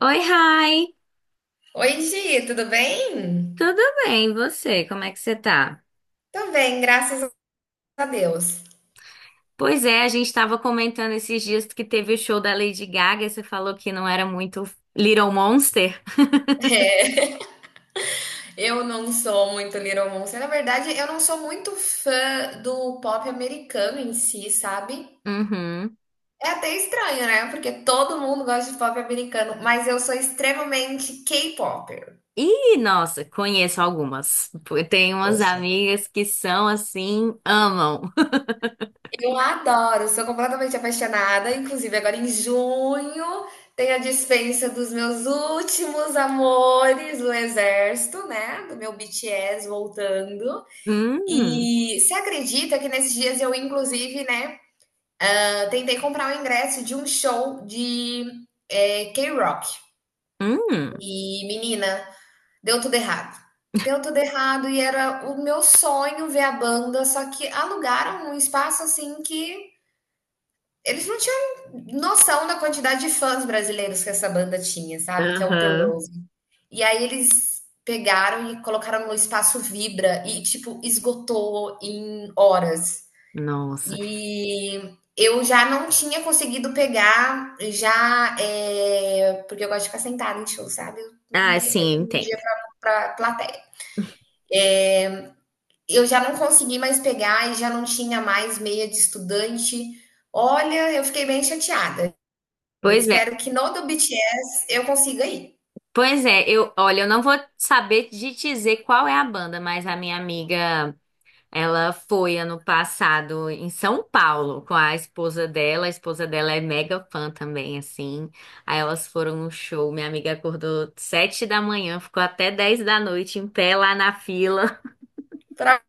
Oi, Rai! Oi, Gi, tudo bem? Tudo bem, e você? Como é que você tá? Tô bem, graças a Deus. Pois é, a gente estava comentando esses dias que teve o show da Lady Gaga, e você falou que não era muito Little Monster. É, eu não sou muito Little Monster. Na verdade, eu não sou muito fã do pop americano em si, sabe? Uhum. É até estranho, né? Porque todo mundo gosta de pop americano, mas eu sou extremamente K-popper. E, nossa, conheço algumas. Pô, eu tenho Eu umas sou. amigas que são assim, amam. Eu adoro, sou completamente apaixonada. Inclusive, agora em junho tem a dispensa dos meus últimos amores do exército, né? Do meu BTS voltando. Hum, E você acredita que nesses dias eu, inclusive, né, tentei comprar o ingresso de um show de K-Rock. hum, E, menina, deu tudo errado. Deu tudo errado e era o meu sonho ver a banda, só que alugaram um espaço assim que eles não tinham noção da quantidade de fãs brasileiros que essa banda tinha, sabe? Que é o The aham. Rose. E aí eles pegaram e colocaram no espaço Vibra e, tipo, esgotou em horas. Nossa. E eu já não tinha conseguido pegar já, porque eu gosto de ficar sentada em show, sabe, eu não Ah, tenho mais sim, eu um dia entendo. para plateia. Eu já não consegui mais pegar e já não tinha mais meia de estudante. Olha, eu fiquei bem chateada. Eu Pois é, espero que no do BTS eu consiga ir, pois é, olha, eu não vou saber de dizer qual é a banda, mas a minha amiga. Ela foi ano passado em São Paulo com a esposa dela. A esposa dela é mega fã também, assim. Aí elas foram no show. Minha amiga acordou sete da manhã, ficou até dez da noite em pé lá na fila. para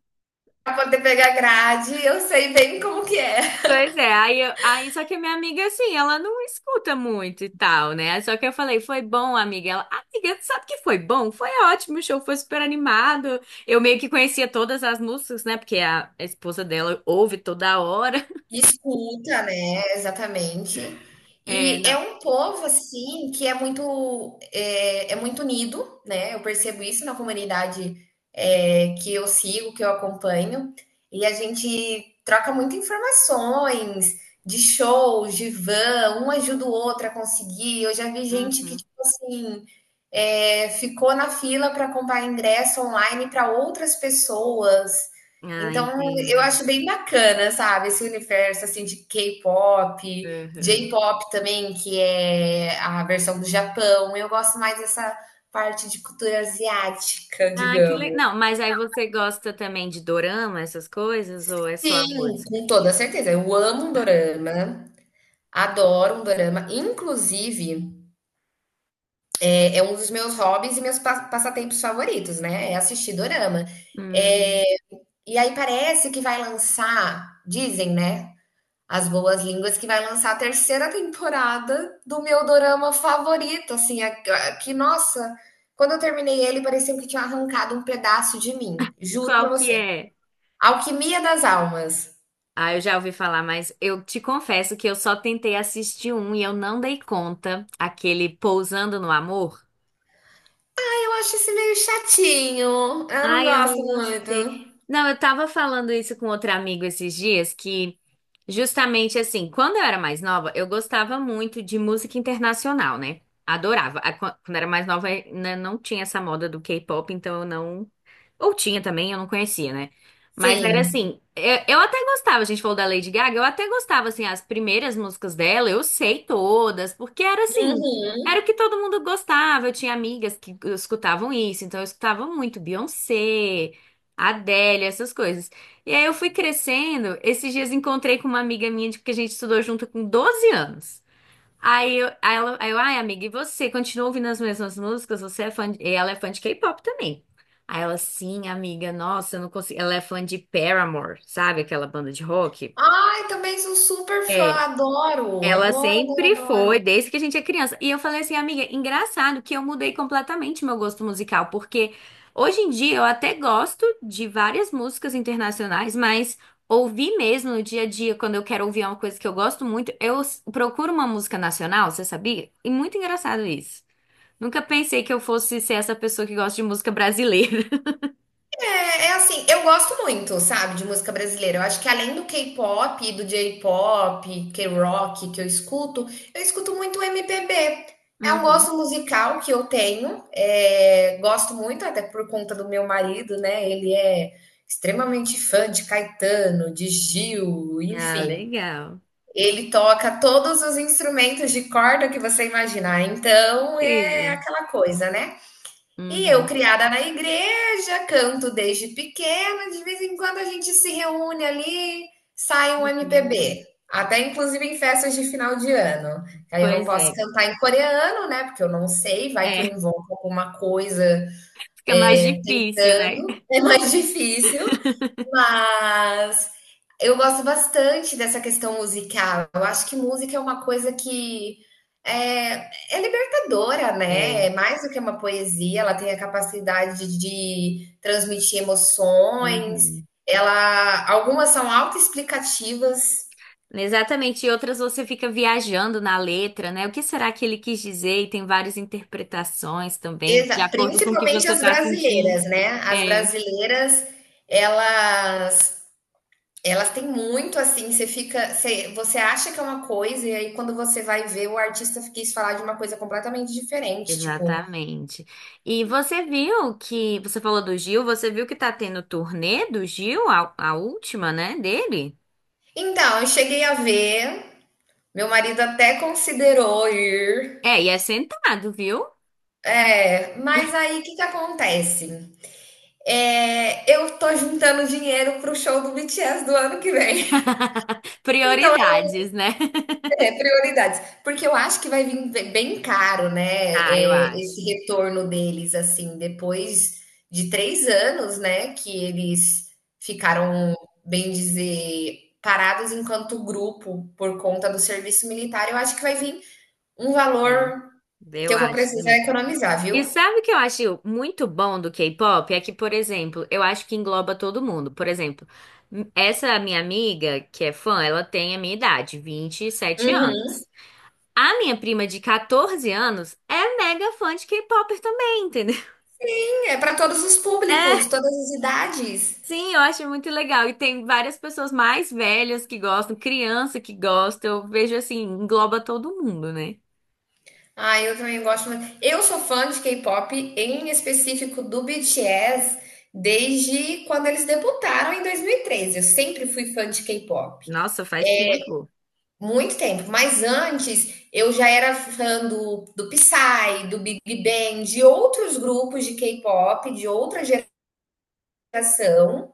poder pegar grade, eu sei bem como que é. Pois é, aí, aí só que a minha amiga, assim, ela não escuta muito e tal, né? Aí só que eu falei, foi bom, amiga. Ela, amiga, sabe que foi bom? Foi ótimo, o show foi super animado. Eu meio que conhecia todas as músicas, né? Porque a esposa dela ouve toda hora. Escuta, né? Exatamente. É, E é não. um povo assim que é muito é muito unido, né? Eu percebo isso na comunidade que eu sigo, que eu acompanho, e a gente troca muitas informações de shows, de van, um ajuda o outro a conseguir. Eu já vi gente que Uhum. tipo assim ficou na fila para comprar ingresso online para outras pessoas. Ah, Então, eu entendi. acho bem bacana, sabe, esse universo, assim, de K-pop, Uhum. J-pop também, que é a versão do Japão. Eu gosto mais dessa parte de cultura asiática, Ah, que legal. digamos. Não, mas aí você gosta também de dorama, essas coisas, ou é só a Sim, música? com toda certeza. Eu amo um dorama, adoro um dorama. Inclusive, é um dos meus hobbies e meus passatempos favoritos, né? É assistir dorama. Hum, É, e aí parece que vai lançar, dizem, né? As Boas Línguas, que vai lançar a terceira temporada do meu dorama favorito, assim, que, nossa, quando eu terminei ele, parecia que tinha arrancado um pedaço de mim, juro pra qual que você. é? Alquimia das Almas. Ah, eu já ouvi falar, mas eu te confesso que eu só tentei assistir um e eu não dei conta, aquele Pousando no Amor. Eu acho esse meio chatinho, eu não Ai, eu gosto não gostei. muito. Não, eu tava falando isso com outro amigo esses dias, que justamente assim, quando eu era mais nova, eu gostava muito de música internacional, né? Adorava. Quando eu era mais nova, né, não tinha essa moda do K-pop, então eu não ou tinha também, eu não conhecia, né? Mas era Sim. assim, eu até gostava, a gente falou da Lady Gaga, eu até gostava, assim, as primeiras músicas dela, eu sei todas, porque era assim, Uhum. era o que todo mundo gostava, eu tinha amigas que escutavam isso, então eu escutava muito Beyoncé, Adele, essas coisas. E aí eu fui crescendo, esses dias encontrei com uma amiga minha, porque a gente estudou junto com 12 anos. Aí eu, aí ela, aí eu, ai, amiga, e você continua ouvindo as mesmas músicas? Você é fã de... E ela é fã de K-pop também. Aí ela, sim, amiga, nossa, eu não consigo. Ela é fã de Paramore, sabe? Aquela banda de rock. Ai, também sou super fã, É, adoro, ela adoro, sempre adoro, foi, adoro. desde que a gente é criança. E eu falei assim, amiga, engraçado que eu mudei completamente meu gosto musical, porque hoje em dia eu até gosto de várias músicas internacionais, mas ouvir mesmo no dia a dia, quando eu quero ouvir uma coisa que eu gosto muito, procuro uma música nacional, você sabia? E muito engraçado isso. Nunca pensei que eu fosse ser essa pessoa que gosta de música brasileira. É assim, eu gosto muito, sabe, de música brasileira. Eu acho que além do K-pop, do J-pop, K-rock que eu escuto muito MPB. É um Uhum. gosto musical que eu tenho, gosto muito, até por conta do meu marido, né? Ele é extremamente fã de Caetano, de Gil, Ah, enfim. legal. Ele toca todos os instrumentos de corda que você imaginar. Então é Incrível. aquela coisa, né? E eu, Uhum. criada na igreja, canto desde pequena, de vez em quando a gente se reúne ali, sai um Incrível. MPB. Até inclusive em festas de final de ano. Aí eu não Pois posso é. cantar em coreano, né? Porque eu não sei, vai que eu É, invoco alguma coisa, fica mais difícil, né? tentando, é mais difícil. Mas eu gosto bastante dessa questão musical. Eu acho que música é uma coisa que é, é libertadora, né? É. É mais do que uma poesia, ela tem a capacidade de transmitir emoções. Uhum. Ela, algumas são autoexplicativas, Exatamente. E outras você fica viajando na letra, né? O que será que ele quis dizer? E tem várias interpretações também, de acordo com o que principalmente você as está sentindo. brasileiras, né? As É, brasileiras, elas Elas têm muito assim, você fica, você, você acha que é uma coisa, e aí quando você vai ver, o artista quis falar de uma coisa completamente diferente. Tipo, exatamente. E você viu que, você falou do Gil, você viu que tá tendo turnê do Gil, a última, né, dele? então, eu cheguei a ver, meu marido até considerou ir. É, e é sentado, viu? É, mas aí o que que acontece? É, eu tô juntando dinheiro pro show do BTS do ano que vem. Então, Prioridades, né? é, prioridades. Porque eu acho que vai vir bem caro, né? Ah, eu É, acho. esse retorno deles, assim, depois de 3 anos, né? Que eles Hum, ficaram, bem dizer, parados enquanto grupo por conta do serviço militar. Eu acho que vai vir um é. valor que Eu eu vou acho precisar também. economizar, viu? E sabe o que eu acho muito bom do K-pop? É que, por exemplo, eu acho que engloba todo mundo. Por exemplo, essa minha amiga, que é fã, ela tem a minha idade, vinte e sete Uhum. anos. A minha prima de 14 anos é mega fã de K-pop também, entendeu? É para todos os públicos, É, todas as idades. sim, eu acho muito legal. E tem várias pessoas mais velhas que gostam, criança que gosta. Eu vejo assim, engloba todo mundo, né? Ah, eu também gosto muito. Eu sou fã de K-pop, em específico do BTS, desde quando eles debutaram em 2013. Eu sempre fui fã de K-pop. Nossa, faz tempo. Muito tempo. Mas antes, eu já era fã do Psy, do Big Bang, de outros grupos de K-pop, de outra geração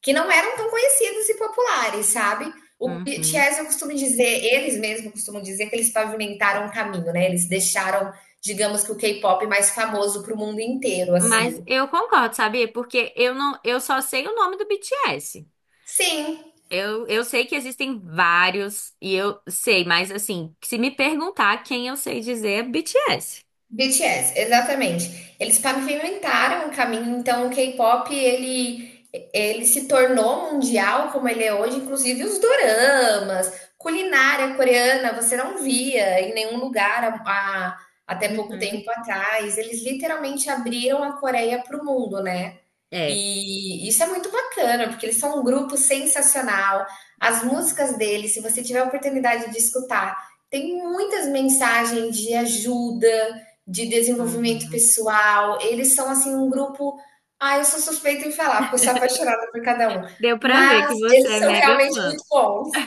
que não eram tão conhecidos e populares, sabe? O B T. Uhum. BTS, eu costumo dizer, eles mesmos costumam dizer que eles pavimentaram o caminho, né? Eles deixaram, digamos que o K-pop mais famoso para o mundo inteiro, Mas assim. eu concordo, sabia? Porque eu não, eu só sei o nome do BTS. Sim, Eu sei que existem vários e eu sei, mas assim, se me perguntar quem eu sei dizer é BTS. BTS, exatamente. Eles pavimentaram o caminho, então o K-pop ele se tornou mundial como ele é hoje, inclusive os doramas, culinária coreana, você não via em nenhum lugar até pouco Uhum. tempo atrás. Eles literalmente abriram a Coreia para o mundo, né? É. E isso é muito bacana, porque eles são um grupo sensacional. As músicas deles, se você tiver a oportunidade de escutar, tem muitas mensagens de ajuda, de desenvolvimento Uhum. pessoal. Eles são assim um grupo. Ah, eu sou suspeita em falar, porque eu sou apaixonada por cada um. Deu pra ver Mas que você eles é são mega realmente fã. muito bons.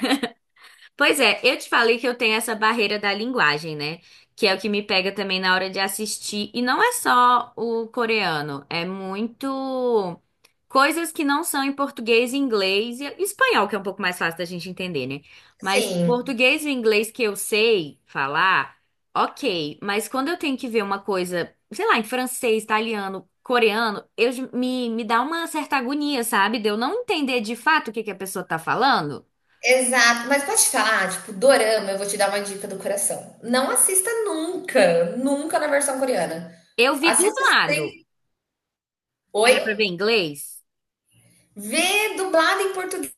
Pois é, eu te falei que eu tenho essa barreira da linguagem, né? Que é o que me pega também na hora de assistir. E não é só o coreano, é muito coisas que não são em português, inglês e espanhol, que é um pouco mais fácil da gente entender, né? Mas Sim, português e inglês que eu sei falar, ok. Mas quando eu tenho que ver uma coisa, sei lá, em francês, italiano, coreano, me dá uma certa agonia, sabe? De eu não entender de fato o que que a pessoa tá falando. exato. Mas pode te falar, tipo, dorama, eu vou te dar uma dica do coração. Não assista nunca, nunca na versão coreana. Eu vi Assista. dublado. Oi? Pra ver inglês? Ver dublado em português,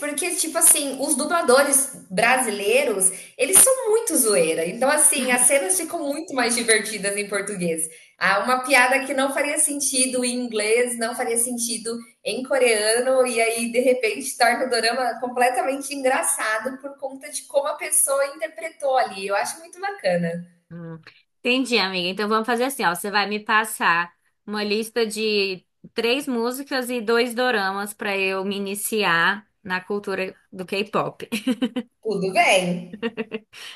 porque, tipo assim, os dubladores brasileiros, eles são muito zoeira. Então, assim, as cenas ficam muito mais divertidas em português. Ah, uma piada que não faria sentido em inglês, não faria sentido em coreano, e aí, de repente, torna o dorama completamente engraçado por conta de como a pessoa interpretou ali. Eu acho muito bacana. Hum, Entendi, amiga. Então vamos fazer assim, ó. Você vai me passar uma lista de três músicas e dois doramas pra eu me iniciar na cultura do K-pop. Tudo bem?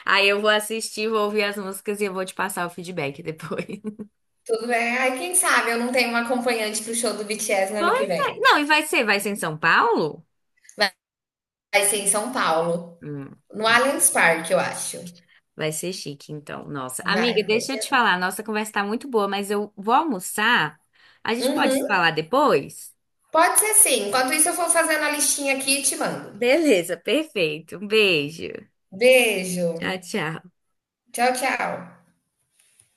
Aí eu vou assistir, vou ouvir as músicas e eu vou te passar o feedback depois. Tudo bem. Ai, quem sabe eu não tenho uma acompanhante pro show do BTS no ano que Pois é. vem. Não, e vai ser em São Paulo? Vai ser em São Paulo. Hum, No Allianz Parque, eu acho. vai ser chique, então. Nossa, amiga, Vai, vai deixa eu te ser. falar. Nossa conversa tá muito boa, mas eu vou almoçar. A gente pode se Uhum. falar depois? Pode ser sim. Enquanto isso, eu vou fazendo a listinha aqui e te mando. Beleza, perfeito. Um beijo. Beijo. Tchau, tchau. Tchau, tchau.